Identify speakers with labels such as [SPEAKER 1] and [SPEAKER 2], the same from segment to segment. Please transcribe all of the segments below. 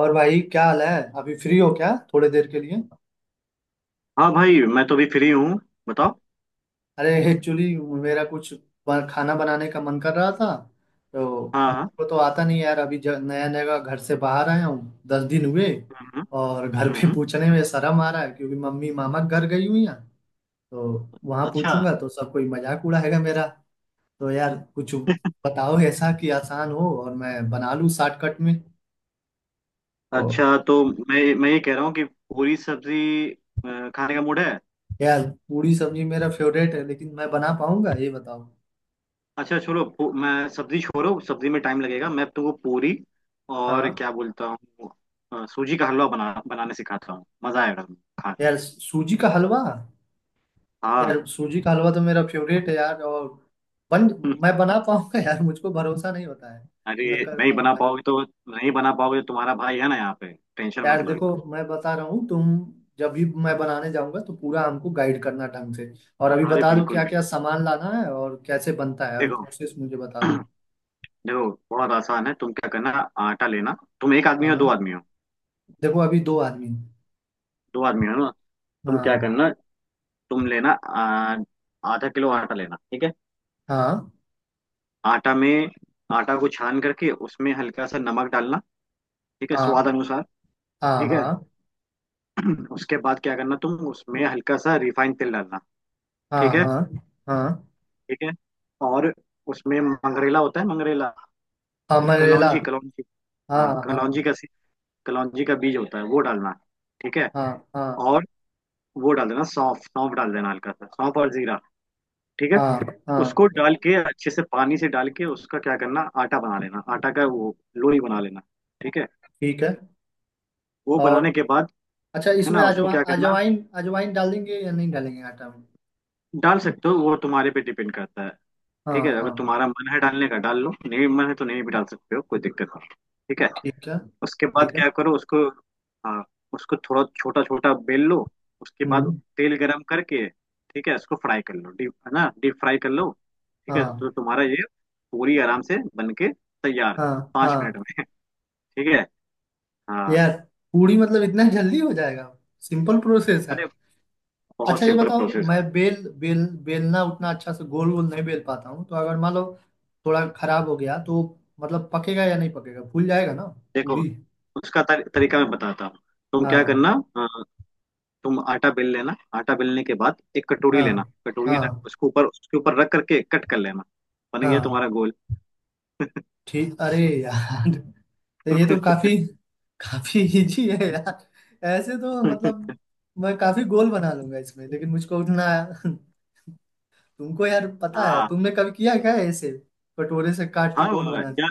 [SPEAKER 1] और भाई क्या हाल है। अभी फ्री हो क्या थोड़े देर के लिए?
[SPEAKER 2] हाँ भाई मैं तो भी फ्री हूँ। बताओ।
[SPEAKER 1] अरे एक्चुअली मेरा कुछ खाना बनाने का मन कर रहा था। तो
[SPEAKER 2] हाँ हाँ।
[SPEAKER 1] मुझको तो आता नहीं यार, अभी नया नया घर से बाहर आया हूँ, 10 दिन हुए।
[SPEAKER 2] हम्म
[SPEAKER 1] और घर
[SPEAKER 2] हम्म।
[SPEAKER 1] पे
[SPEAKER 2] हम्म।
[SPEAKER 1] पूछने में शर्म आ रहा है क्योंकि मम्मी मामा के घर गई हुई हैं। तो वहां
[SPEAKER 2] अच्छा
[SPEAKER 1] पूछूंगा तो सब कोई मजाक उड़ाएगा मेरा। तो यार कुछ बताओ ऐसा कि आसान हो और मैं बना लूँ शॉर्टकट में। तो
[SPEAKER 2] अच्छा। तो मैं ये कह रहा हूँ कि पूरी सब्जी खाने का मूड है।
[SPEAKER 1] यार, पूरी सब्जी मेरा फेवरेट है, लेकिन मैं बना पाऊंगा ये बताओ।
[SPEAKER 2] अच्छा छोड़ो, मैं सब्जी छोड़ो, सब्जी में टाइम लगेगा, मैं तुमको पूरी और
[SPEAKER 1] हाँ।
[SPEAKER 2] क्या बोलता हूँ, सूजी का हलवा बनाने सिखाता हूँ, मजा आएगा तुमको खा के।
[SPEAKER 1] यार सूजी का हलवा।
[SPEAKER 2] हाँ।
[SPEAKER 1] यार सूजी का हलवा तो मेरा फेवरेट है यार, और बन
[SPEAKER 2] हम्म।
[SPEAKER 1] मैं बना पाऊंगा यार? मुझको भरोसा नहीं होता है
[SPEAKER 2] अरे
[SPEAKER 1] कि मैं कर
[SPEAKER 2] नहीं बना
[SPEAKER 1] पाऊंगा।
[SPEAKER 2] पाओगे तो नहीं बना पाओगे तो तुम्हारा भाई है ना यहाँ पे। टेंशन
[SPEAKER 1] यार
[SPEAKER 2] मत लो एकदम।
[SPEAKER 1] देखो मैं बता रहा हूँ तुम, जब भी मैं बनाने जाऊंगा तो पूरा हमको गाइड करना ढंग से। और अभी
[SPEAKER 2] अरे
[SPEAKER 1] बता दो
[SPEAKER 2] बिल्कुल
[SPEAKER 1] क्या क्या
[SPEAKER 2] बिल्कुल।
[SPEAKER 1] सामान लाना है और कैसे बनता है, अभी
[SPEAKER 2] देखो,
[SPEAKER 1] प्रोसेस मुझे बता दो।
[SPEAKER 2] देखो बहुत आसान है, तुम क्या करना, आटा लेना। तुम एक आदमी हो दो
[SPEAKER 1] हाँ।
[SPEAKER 2] आदमी हो?
[SPEAKER 1] देखो अभी दो आदमी हैं।
[SPEAKER 2] दो आदमी हो ना। तुम क्या
[SPEAKER 1] हाँ
[SPEAKER 2] करना, तुम लेना आधा किलो आटा लेना, ठीक है।
[SPEAKER 1] हाँ।
[SPEAKER 2] आटा में, आटा को छान करके उसमें हल्का सा नमक डालना, ठीक है,
[SPEAKER 1] हाँ
[SPEAKER 2] स्वाद अनुसार।
[SPEAKER 1] हाँ।
[SPEAKER 2] ठीक है।
[SPEAKER 1] हाँ
[SPEAKER 2] उसके बाद क्या करना, तुम उसमें हल्का सा रिफाइंड तेल डालना।
[SPEAKER 1] हाँ।
[SPEAKER 2] ठीक है।
[SPEAKER 1] हाँ हाँ।
[SPEAKER 2] ठीक है। और उसमें मंगरेला होता है, मंगरेला,
[SPEAKER 1] अमरेला।
[SPEAKER 2] कलौंजी कलौंजी।
[SPEAKER 1] हाँ
[SPEAKER 2] हाँ,
[SPEAKER 1] हाँ।
[SPEAKER 2] कलौंजी का बीज होता है, वो डालना। ठीक है।
[SPEAKER 1] हाँ हाँ।
[SPEAKER 2] और वो डाल देना, सौंफ, सौंफ डाल देना हल्का सा, सौंफ और जीरा। ठीक है।
[SPEAKER 1] हाँ हाँ।
[SPEAKER 2] उसको डाल के अच्छे से पानी से डाल के उसका क्या करना, आटा बना लेना, आटा का वो लोई बना लेना। ठीक है।
[SPEAKER 1] ठीक है।
[SPEAKER 2] वो
[SPEAKER 1] और
[SPEAKER 2] बनाने के बाद
[SPEAKER 1] अच्छा
[SPEAKER 2] है
[SPEAKER 1] इसमें
[SPEAKER 2] ना, उसको क्या करना।
[SPEAKER 1] अजवाइन, अजवाइन डालेंगे या नहीं डालेंगे आटा में?
[SPEAKER 2] डाल सकते हो, वो तुम्हारे पे डिपेंड करता है।
[SPEAKER 1] हाँ
[SPEAKER 2] ठीक है, अगर
[SPEAKER 1] हाँ।
[SPEAKER 2] तुम्हारा मन है डालने का डाल लो, नहीं मन है तो नहीं भी डाल सकते हो, कोई दिक्कत नहीं। ठीक है।
[SPEAKER 1] ठीक है।
[SPEAKER 2] उसके बाद
[SPEAKER 1] ठीक है।
[SPEAKER 2] क्या करो उसको। हाँ। उसको थोड़ा छोटा छोटा बेल लो। उसके बाद
[SPEAKER 1] हम्म।
[SPEAKER 2] तेल गरम करके, ठीक है, उसको फ्राई कर लो, डीप है ना, डीप फ्राई कर लो। ठीक है,
[SPEAKER 1] हाँ
[SPEAKER 2] तो तुम्हारा ये पूरी आराम से बन के तैयार है
[SPEAKER 1] हाँ।
[SPEAKER 2] पाँच
[SPEAKER 1] हाँ।
[SPEAKER 2] मिनट में। ठीक है। हाँ।
[SPEAKER 1] यार पूरी मतलब इतना जल्दी हो जाएगा? सिंपल प्रोसेस है।
[SPEAKER 2] अरे, बहुत
[SPEAKER 1] अच्छा ये
[SPEAKER 2] सिंपल
[SPEAKER 1] बताओ,
[SPEAKER 2] प्रोसेस।
[SPEAKER 1] मैं बेल बेल बेलना उतना अच्छा से गोल गोल नहीं बेल पाता हूँ, तो अगर मान लो थोड़ा खराब हो गया तो मतलब पकेगा या नहीं पकेगा, फूल जाएगा ना
[SPEAKER 2] देखो
[SPEAKER 1] पूरी?
[SPEAKER 2] उसका तरीका मैं बताता हूँ। तुम क्या
[SPEAKER 1] हाँ
[SPEAKER 2] करना, अ, तुम आटा बेल लेना, आटा बेलने के बाद एक कटोरी
[SPEAKER 1] हाँ।
[SPEAKER 2] लेना,
[SPEAKER 1] हाँ
[SPEAKER 2] उसके ऊपर, उसके ऊपर रख करके कट कर लेना। बन गया
[SPEAKER 1] हाँ।
[SPEAKER 2] तुम्हारा गोल।
[SPEAKER 1] ठीक। अरे यार तो ये तो काफी, काफी इजी है यार, ऐसे तो मतलब मैं काफी गोल बना लूंगा इसमें, लेकिन मुझको उतना। तुमको यार पता है,
[SPEAKER 2] हाँ
[SPEAKER 1] तुमने कभी किया क्या है ऐसे कटोरे से काट के गोल
[SPEAKER 2] हाँ
[SPEAKER 1] बना?
[SPEAKER 2] यार।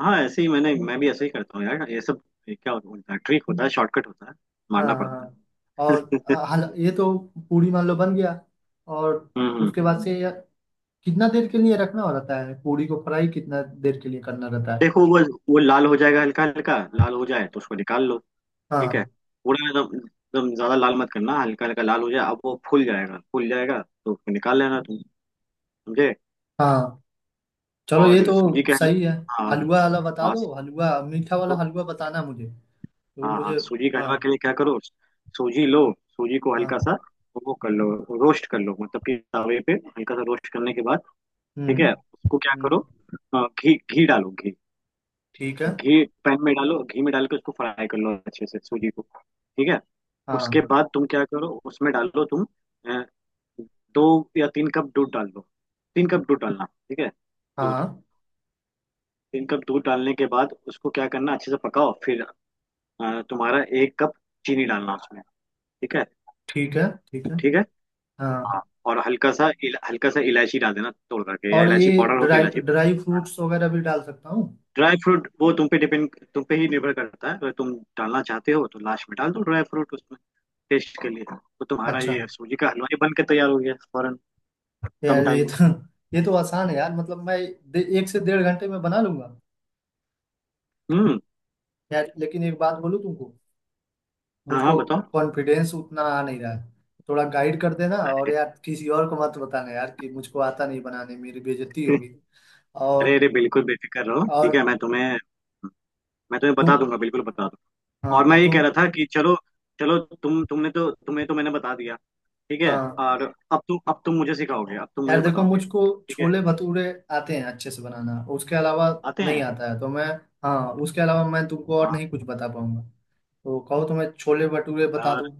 [SPEAKER 2] हाँ ऐसे ही मैं भी ऐसे ही करता हूँ यार ये सब। क्या होता है, ट्रिक होता है, शॉर्टकट होता है,
[SPEAKER 1] हाँ
[SPEAKER 2] मारना
[SPEAKER 1] हाँ।
[SPEAKER 2] पड़ता है।
[SPEAKER 1] हाँ। और हल ये तो पूरी मान लो बन गया, और
[SPEAKER 2] हम्म हम्म।
[SPEAKER 1] उसके बाद से यार कितना देर के लिए रखना रहता है पूरी को, फ्राई कितना देर के लिए करना रहता है?
[SPEAKER 2] देखो वो लाल हो जाएगा, हल्का हल्का लाल हो जाए तो उसको निकाल लो। ठीक है,
[SPEAKER 1] हाँ
[SPEAKER 2] पूरा एकदम, एकदम ज्यादा लाल मत करना, हल्का हल्का लाल हो जाए, अब वो फूल जाएगा, फूल जाएगा तो उसको निकाल लेना तुम। समझे।
[SPEAKER 1] हाँ। चलो, ये
[SPEAKER 2] और
[SPEAKER 1] तो
[SPEAKER 2] सूजी के
[SPEAKER 1] सही है।
[SPEAKER 2] हलवा। हाँ
[SPEAKER 1] हलवा वाला बता
[SPEAKER 2] हाँ।
[SPEAKER 1] दो, हलवा मीठा वाला
[SPEAKER 2] सू-
[SPEAKER 1] हलवा बताना मुझे। तो
[SPEAKER 2] हाँ
[SPEAKER 1] मुझे
[SPEAKER 2] हाँ, सूजी के
[SPEAKER 1] हाँ
[SPEAKER 2] हलवा के लिए क्या करो, सूजी लो, सूजी को हल्का
[SPEAKER 1] हाँ।
[SPEAKER 2] सा वो कर लो, रोस्ट कर लो, मतलब कि तवे पे हल्का सा रोस्ट करने के बाद, ठीक
[SPEAKER 1] हम्म
[SPEAKER 2] है, उसको क्या करो,
[SPEAKER 1] हम्म।
[SPEAKER 2] घी, घी डालो, घी,
[SPEAKER 1] ठीक है।
[SPEAKER 2] घी पैन में डालो, घी में डाल के उसको फ्राई कर लो अच्छे से सूजी को। ठीक है। उसके
[SPEAKER 1] हाँ
[SPEAKER 2] बाद तुम क्या करो, उसमें डालो तुम 2 या 3 कप दूध डाल दो, 3 कप दूध डालना, ठीक है, दूध,
[SPEAKER 1] हाँ।
[SPEAKER 2] 3 कप दूध डालने के बाद उसको क्या करना, अच्छे से पकाओ फिर, तुम्हारा 1 कप चीनी डालना उसमें, ठीक है।
[SPEAKER 1] ठीक है। ठीक है।
[SPEAKER 2] ठीक है।
[SPEAKER 1] हाँ।
[SPEAKER 2] हाँ। और हल्का सा हल्का सा इलायची डाल देना तोड़ करके, या
[SPEAKER 1] और ये
[SPEAKER 2] इलायची पाउडर हो तो
[SPEAKER 1] ड्राई
[SPEAKER 2] इलायची पाउडर।
[SPEAKER 1] ड्राई फ्रूट्स वगैरह भी डाल सकता हूँ?
[SPEAKER 2] ड्राई फ्रूट वो तुम पे डिपेंड, तुम पे ही निर्भर करता है, अगर तुम डालना चाहते हो तो लास्ट में डाल दो ड्राई फ्रूट उसमें टेस्ट के लिए। तो तुम्हारा
[SPEAKER 1] अच्छा
[SPEAKER 2] ये सूजी का हलवा ही बन के तैयार हो गया फौरन, कम
[SPEAKER 1] यार, ये
[SPEAKER 2] टाइम में।
[SPEAKER 1] तो ये तो आसान है यार, मतलब मैं एक से डेढ़ घंटे में बना लूंगा।
[SPEAKER 2] हम्म।
[SPEAKER 1] यार लेकिन एक बात बोलूँ तुमको,
[SPEAKER 2] हाँ हाँ
[SPEAKER 1] मुझको
[SPEAKER 2] बताओ।
[SPEAKER 1] कॉन्फिडेंस उतना आ नहीं रहा है। थोड़ा गाइड कर देना, और यार किसी और को मत बताना यार कि मुझको आता नहीं बनाने, मेरी बेइज्जती होगी।
[SPEAKER 2] अरे
[SPEAKER 1] और
[SPEAKER 2] अरे, बिल्कुल बेफिक्र रहो,
[SPEAKER 1] और
[SPEAKER 2] ठीक है, मैं तुम्हें बता
[SPEAKER 1] तुम।
[SPEAKER 2] दूंगा, बिल्कुल बता दूंगा। और
[SPEAKER 1] हाँ
[SPEAKER 2] मैं ये कह
[SPEAKER 1] तुम।
[SPEAKER 2] रहा था कि चलो, तुमने तो, तुम्हें तो मैंने बता दिया, ठीक है।
[SPEAKER 1] हाँ
[SPEAKER 2] और अब तुम मुझे सिखाओगे, अब तुम
[SPEAKER 1] यार
[SPEAKER 2] मुझे
[SPEAKER 1] देखो,
[SPEAKER 2] बताओगे,
[SPEAKER 1] मुझको
[SPEAKER 2] ठीक है।
[SPEAKER 1] छोले भटूरे आते हैं अच्छे से बनाना, उसके अलावा
[SPEAKER 2] आते
[SPEAKER 1] नहीं
[SPEAKER 2] हैं।
[SPEAKER 1] आता है तो मैं। हाँ, उसके अलावा मैं तुमको और
[SPEAKER 2] हाँ
[SPEAKER 1] नहीं कुछ बता पाऊंगा। तो कहो तो मैं छोले भटूरे बता
[SPEAKER 2] यार,
[SPEAKER 1] दूं।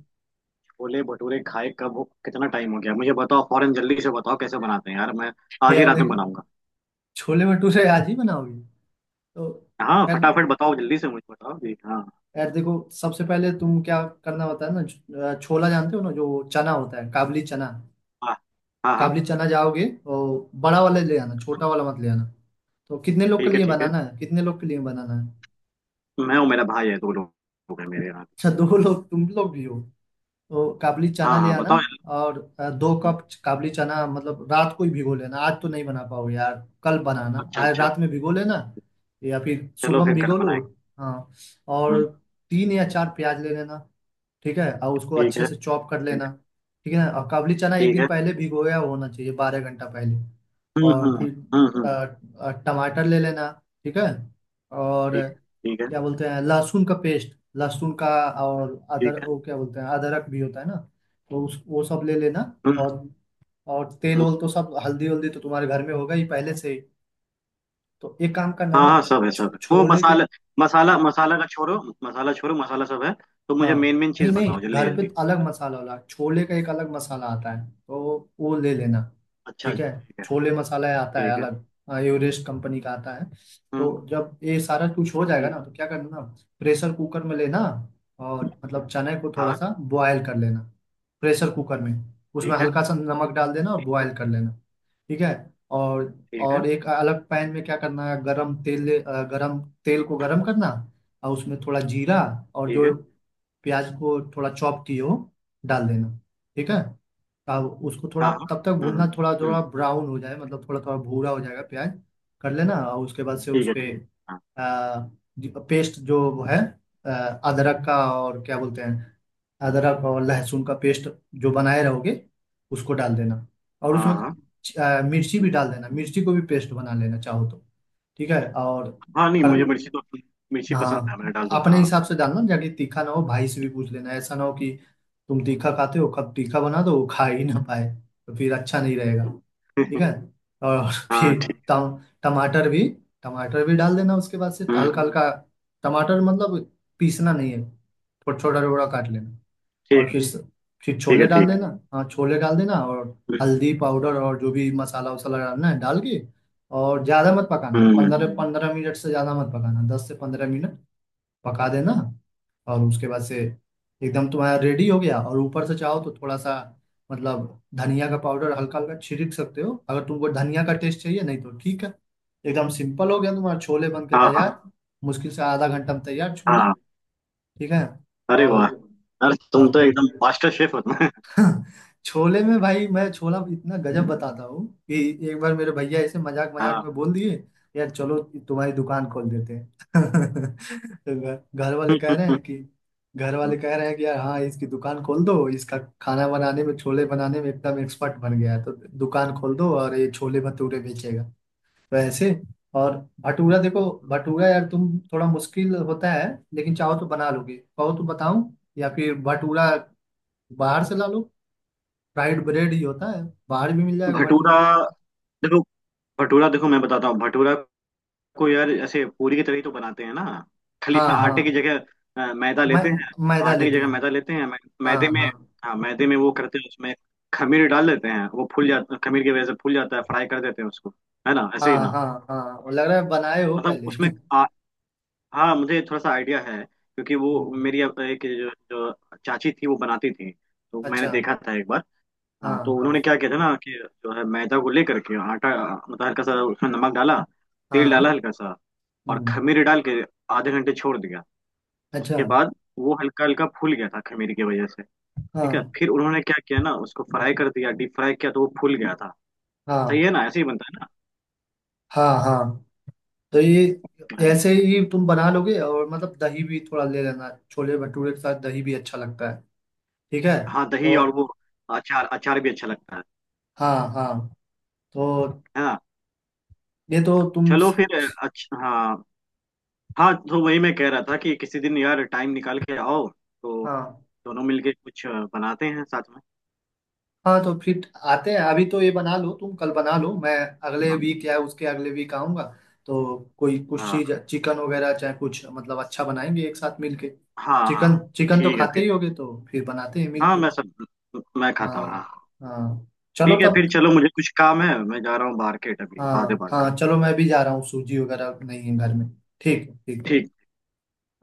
[SPEAKER 2] छोले भटूरे खाए कितना टाइम हो गया, मुझे बताओ, फौरन, जल्दी से बताओ कैसे बनाते हैं, यार मैं आज ही
[SPEAKER 1] यार
[SPEAKER 2] रात में
[SPEAKER 1] देखो,
[SPEAKER 2] बनाऊंगा।
[SPEAKER 1] छोले भटूरे आज ही बनाओगी तो
[SPEAKER 2] हाँ
[SPEAKER 1] यार
[SPEAKER 2] फटाफट बताओ, जल्दी से मुझे बताओ जी। हाँ
[SPEAKER 1] यार देखो, सबसे पहले तुम क्या करना होता है ना? छोला जानते हो ना, जो चना होता है, काबली चना।
[SPEAKER 2] हाँ। हाँ हाँ
[SPEAKER 1] काबली चना जाओगे और बड़ा वाला ले आना,
[SPEAKER 2] हाँ।
[SPEAKER 1] छोटा वाला मत ले आना। तो कितने लोग के
[SPEAKER 2] ठीक है
[SPEAKER 1] लिए
[SPEAKER 2] ठीक है,
[SPEAKER 1] बनाना है, कितने लोग के लिए बनाना है?
[SPEAKER 2] मैं और मेरा भाई है, दो लोग, हैं मेरे यहाँ।
[SPEAKER 1] अच्छा, दो लोग तुम लोग भी हो? तो काबली चना
[SPEAKER 2] हाँ
[SPEAKER 1] ले
[SPEAKER 2] हाँ,
[SPEAKER 1] आना।
[SPEAKER 2] बताओ।
[SPEAKER 1] और दो
[SPEAKER 2] हम्म।
[SPEAKER 1] कप काबली चना मतलब रात को ही भिगो लेना, आज तो नहीं बना पाओ यार। कल बनाना,
[SPEAKER 2] अच्छा
[SPEAKER 1] आज
[SPEAKER 2] अच्छा।
[SPEAKER 1] रात में भिगो लेना। या फिर
[SPEAKER 2] चलो
[SPEAKER 1] सुबह में
[SPEAKER 2] फिर कल
[SPEAKER 1] भिगो लो।
[SPEAKER 2] बनाएंगे।
[SPEAKER 1] हाँ।
[SPEAKER 2] हम्म।
[SPEAKER 1] और तीन या चार प्याज ले लेना, ठीक है, और उसको
[SPEAKER 2] ठीक
[SPEAKER 1] अच्छे
[SPEAKER 2] है।
[SPEAKER 1] से चॉप कर
[SPEAKER 2] ठीक
[SPEAKER 1] लेना।
[SPEAKER 2] है।
[SPEAKER 1] ठीक है ना। और काबली चना एक
[SPEAKER 2] ठीक
[SPEAKER 1] दिन
[SPEAKER 2] है।
[SPEAKER 1] पहले भिगोया होना चाहिए, 12 घंटा पहले। और
[SPEAKER 2] हम्म।
[SPEAKER 1] फिर अ,
[SPEAKER 2] हम्म।
[SPEAKER 1] टमाटर ले लेना, ठीक है। और
[SPEAKER 2] ठीक है। ठीक है।
[SPEAKER 1] क्या बोलते हैं, लहसुन का पेस्ट, लहसुन का। और अदर
[SPEAKER 2] ठीक है।
[SPEAKER 1] वो क्या बोलते हैं, अदरक भी होता है ना। तो उस वो सब ले लेना।
[SPEAKER 2] हम्म।
[SPEAKER 1] और और तेल
[SPEAKER 2] हम्म।
[SPEAKER 1] ओल तो सब, हल्दी वल्दी तो तुम्हारे घर में होगा ही पहले से ही। तो एक काम करना
[SPEAKER 2] हाँ
[SPEAKER 1] ना,
[SPEAKER 2] हाँ
[SPEAKER 1] छो,
[SPEAKER 2] सब है, सब
[SPEAKER 1] छो,
[SPEAKER 2] है। वो
[SPEAKER 1] छोले के।
[SPEAKER 2] मसाला, मसाला
[SPEAKER 1] छो,
[SPEAKER 2] मसाला का छोड़ो, मसाला छोड़ो, मसाला सब है, तो मुझे
[SPEAKER 1] हाँ,
[SPEAKER 2] मेन मेन चीज
[SPEAKER 1] नहीं नहीं,
[SPEAKER 2] बताओ
[SPEAKER 1] घर
[SPEAKER 2] जल्दी
[SPEAKER 1] पे
[SPEAKER 2] जल्दी।
[SPEAKER 1] अलग मसाला वाला, छोले का एक अलग मसाला आता है तो वो ले लेना।
[SPEAKER 2] अच्छा
[SPEAKER 1] ठीक है।
[SPEAKER 2] ठीक है।
[SPEAKER 1] छोले मसाला आता है
[SPEAKER 2] ठीक है।
[SPEAKER 1] अलग। हाँ, एवरेस्ट कंपनी का आता है।
[SPEAKER 2] हम्म
[SPEAKER 1] तो जब ये सारा कुछ हो जाएगा
[SPEAKER 2] हम्म।
[SPEAKER 1] ना, तो क्या करना, प्रेशर कुकर में लेना, और मतलब चने को थोड़ा
[SPEAKER 2] हाँ
[SPEAKER 1] सा बॉयल कर लेना, प्रेशर कुकर में। उसमें
[SPEAKER 2] ठीक है।
[SPEAKER 1] हल्का सा नमक डाल देना और
[SPEAKER 2] ठीक है।
[SPEAKER 1] बॉयल कर लेना। ठीक है। और
[SPEAKER 2] ठीक है।
[SPEAKER 1] एक अलग पैन में क्या करना है, गरम तेल को गरम करना। और उसमें थोड़ा जीरा, और
[SPEAKER 2] ठीक
[SPEAKER 1] जो
[SPEAKER 2] है।
[SPEAKER 1] प्याज को थोड़ा चॉप किए हो डाल देना। ठीक है। अब उसको
[SPEAKER 2] हाँ
[SPEAKER 1] थोड़ा
[SPEAKER 2] हाँ।
[SPEAKER 1] तब तक भूनना,
[SPEAKER 2] हम्म।
[SPEAKER 1] थोड़ा
[SPEAKER 2] हम्म।
[SPEAKER 1] थोड़ा ब्राउन हो जाए, मतलब थोड़ा थोड़ा भूरा हो जाएगा प्याज, कर लेना। और उसके बाद से
[SPEAKER 2] ठीक
[SPEAKER 1] उस
[SPEAKER 2] है। ठीक
[SPEAKER 1] पे
[SPEAKER 2] है। हाँ
[SPEAKER 1] आ, पेस्ट जो वो है, आ, अदरक का, और क्या बोलते हैं, अदरक और लहसुन का पेस्ट जो बनाए रहोगे उसको डाल देना। और
[SPEAKER 2] हाँ
[SPEAKER 1] उसमें
[SPEAKER 2] हाँ।
[SPEAKER 1] मिर्ची
[SPEAKER 2] हम्म।
[SPEAKER 1] भी डाल देना, मिर्ची को भी पेस्ट बना लेना चाहो तो। ठीक है। और
[SPEAKER 2] हाँ, नहीं
[SPEAKER 1] कर हाँ
[SPEAKER 2] मुझे मिर्ची तो, मिर्ची पसंद है, मैं
[SPEAKER 1] हाँ,
[SPEAKER 2] डाल दूंगा,
[SPEAKER 1] अपने
[SPEAKER 2] हाँ।
[SPEAKER 1] हिसाब से डालना जाके तीखा ना हो, भाई से भी पूछ लेना। ऐसा ना हो कि तुम तीखा खाते हो, कब तीखा बना दो वो खा ही ना पाए, तो फिर अच्छा नहीं रहेगा। ठीक है। और
[SPEAKER 2] हाँ
[SPEAKER 1] फिर
[SPEAKER 2] ठीक।
[SPEAKER 1] टम टमाटर भी टमाटर भी डाल देना उसके बाद से,
[SPEAKER 2] हम्म।
[SPEAKER 1] हल्का हल्का। टमाटर मतलब पीसना नहीं है, छोटा छोटा टुकड़ा काट लेना।
[SPEAKER 2] ठीक
[SPEAKER 1] और
[SPEAKER 2] है।
[SPEAKER 1] फिर
[SPEAKER 2] ठीक
[SPEAKER 1] छोले
[SPEAKER 2] है।
[SPEAKER 1] डाल
[SPEAKER 2] ठीक है।
[SPEAKER 1] देना। हाँ, छोले डाल देना, और
[SPEAKER 2] हम्म
[SPEAKER 1] हल्दी पाउडर और जो भी मसाला वसाला डालना है डाल के, और ज़्यादा मत पकाना,
[SPEAKER 2] हम्म। हम्म।
[SPEAKER 1] 15-15 मिनट से ज़्यादा मत पकाना, 10 से 15 मिनट पका देना। और उसके बाद से एकदम तुम्हारा रेडी हो गया। और ऊपर से चाहो तो थोड़ा सा मतलब धनिया का पाउडर हल्का हल्का छिड़क सकते हो, अगर तुमको धनिया का टेस्ट चाहिए, नहीं तो ठीक है। एकदम सिंपल, हो गया तुम्हारा छोले बन के
[SPEAKER 2] हाँ हाँ
[SPEAKER 1] तैयार। मुश्किल से आधा घंटा में तैयार छोले।
[SPEAKER 2] हाँ।
[SPEAKER 1] ठीक है।
[SPEAKER 2] अरे वाह।
[SPEAKER 1] और
[SPEAKER 2] अरे तुम
[SPEAKER 1] वाह,
[SPEAKER 2] तो एकदम मास्टर शेफ हो तुम।
[SPEAKER 1] छोले में भाई, मैं छोला इतना गजब बताता हूँ कि एक बार मेरे भैया ऐसे मजाक मजाक
[SPEAKER 2] हाँ।
[SPEAKER 1] में बोल दिए, यार चलो तुम्हारी दुकान खोल देते हैं। तो घर वाले कह रहे हैं कि, घर वाले कह रहे हैं कि, यार हाँ, इसकी दुकान खोल दो, इसका खाना बनाने में, छोले बनाने में एकदम एक्सपर्ट बन गया है तो दुकान खोल दो और ये छोले भटूरे बेचेगा। तो ऐसे। और भटूरा देखो, भटूरा यार तुम, थोड़ा मुश्किल होता है लेकिन चाहो तो बना लोगे, कहो तो बताऊं? या फिर भटूरा बाहर से ला, फ्राइड ब्रेड ही होता है, बाहर भी मिल जाएगा
[SPEAKER 2] भटूरा,
[SPEAKER 1] भटूरे।
[SPEAKER 2] देखो भटूरा, देखो मैं बताता हूँ भटूरा को, यार ऐसे पूरी की तरह ही तो बनाते हैं ना, खाली
[SPEAKER 1] हाँ
[SPEAKER 2] सा
[SPEAKER 1] हाँ।
[SPEAKER 2] आटे की जगह, मैदा
[SPEAKER 1] मै,
[SPEAKER 2] लेते हैं,
[SPEAKER 1] मैदा
[SPEAKER 2] आटे की
[SPEAKER 1] लेते
[SPEAKER 2] जगह
[SPEAKER 1] हैं।
[SPEAKER 2] मैदा लेते हैं,
[SPEAKER 1] हाँ
[SPEAKER 2] मैदे में।
[SPEAKER 1] हाँ।
[SPEAKER 2] हाँ मैदे में वो करते हैं, उसमें खमीर डाल देते हैं, वो फूल जाता, खमीर की वजह से फूल जाता है, फ्राई कर देते हैं उसको, है ना, ऐसे
[SPEAKER 1] हाँ
[SPEAKER 2] ही ना।
[SPEAKER 1] हाँ। हाँ, और लग रहा है बनाए हो
[SPEAKER 2] मतलब
[SPEAKER 1] पहले।
[SPEAKER 2] उसमें हाँ मुझे थोड़ा सा आइडिया है। क्योंकि वो
[SPEAKER 1] हम्म।
[SPEAKER 2] मेरी अब एक जो चाची थी वो बनाती थी, तो मैंने
[SPEAKER 1] अच्छा।
[SPEAKER 2] देखा था एक बार।
[SPEAKER 1] हाँ
[SPEAKER 2] हाँ, तो
[SPEAKER 1] हाँ।
[SPEAKER 2] उन्होंने क्या किया था ना कि जो है, मैदा को लेकर के आटा, मतलब हल्का सा उसमें नमक डाला, तेल डाला
[SPEAKER 1] हाँ।
[SPEAKER 2] हल्का सा, और
[SPEAKER 1] हम्म।
[SPEAKER 2] खमीर डाल के आधे घंटे छोड़ दिया।
[SPEAKER 1] अच्छा।
[SPEAKER 2] उसके बाद वो हल्का हल्का फूल गया था खमीर की वजह से, ठीक है।
[SPEAKER 1] हाँ
[SPEAKER 2] फिर उन्होंने क्या किया ना, उसको फ्राई कर दिया, डीप फ्राई किया, तो वो फूल गया था। सही है
[SPEAKER 1] हाँ।
[SPEAKER 2] ना, ऐसे ही बनता है
[SPEAKER 1] हाँ हाँ। तो ये
[SPEAKER 2] ना। अरे,
[SPEAKER 1] ऐसे ही तुम बना लोगे। और मतलब दही भी थोड़ा ले लेना, छोले भटूरे के साथ दही भी अच्छा लगता है। ठीक है।
[SPEAKER 2] हाँ दही
[SPEAKER 1] तो
[SPEAKER 2] और वो अचार, अचार भी अच्छा लगता है
[SPEAKER 1] हाँ हाँ। तो
[SPEAKER 2] है ना।
[SPEAKER 1] ये तो तुम
[SPEAKER 2] चलो फिर, अच्छा हाँ। हाँ, तो वही मैं कह रहा था कि किसी दिन यार टाइम निकाल के आओ तो
[SPEAKER 1] हाँ
[SPEAKER 2] दोनों मिलके कुछ बनाते हैं साथ में।
[SPEAKER 1] हाँ। तो फिर आते हैं, अभी तो ये बना लो, तुम कल बना लो, मैं अगले
[SPEAKER 2] हाँ
[SPEAKER 1] वीक या उसके अगले वीक आऊंगा। तो कोई कुछ चीज
[SPEAKER 2] हाँ।
[SPEAKER 1] चिकन वगैरह चाहे, कुछ मतलब अच्छा बनाएंगे एक साथ मिलके।
[SPEAKER 2] हाँ। हाँ
[SPEAKER 1] चिकन चिकन तो
[SPEAKER 2] ठीक है
[SPEAKER 1] खाते
[SPEAKER 2] फिर,
[SPEAKER 1] ही होगे, तो फिर बनाते हैं
[SPEAKER 2] हाँ
[SPEAKER 1] मिलके।
[SPEAKER 2] मैं सब, मैं खाता हूँ,
[SPEAKER 1] हाँ
[SPEAKER 2] हाँ।
[SPEAKER 1] हाँ। चलो
[SPEAKER 2] ठीक है,
[SPEAKER 1] तब।
[SPEAKER 2] फिर चलो मुझे कुछ काम है, मैं जा रहा हूँ मार्केट अभी, बाद में
[SPEAKER 1] हाँ
[SPEAKER 2] बात
[SPEAKER 1] हाँ,
[SPEAKER 2] करूँ।
[SPEAKER 1] चलो मैं भी जा रहा हूँ, सूजी वगैरह नहीं है घर में। ठीक है। ठीक है।
[SPEAKER 2] ठीक।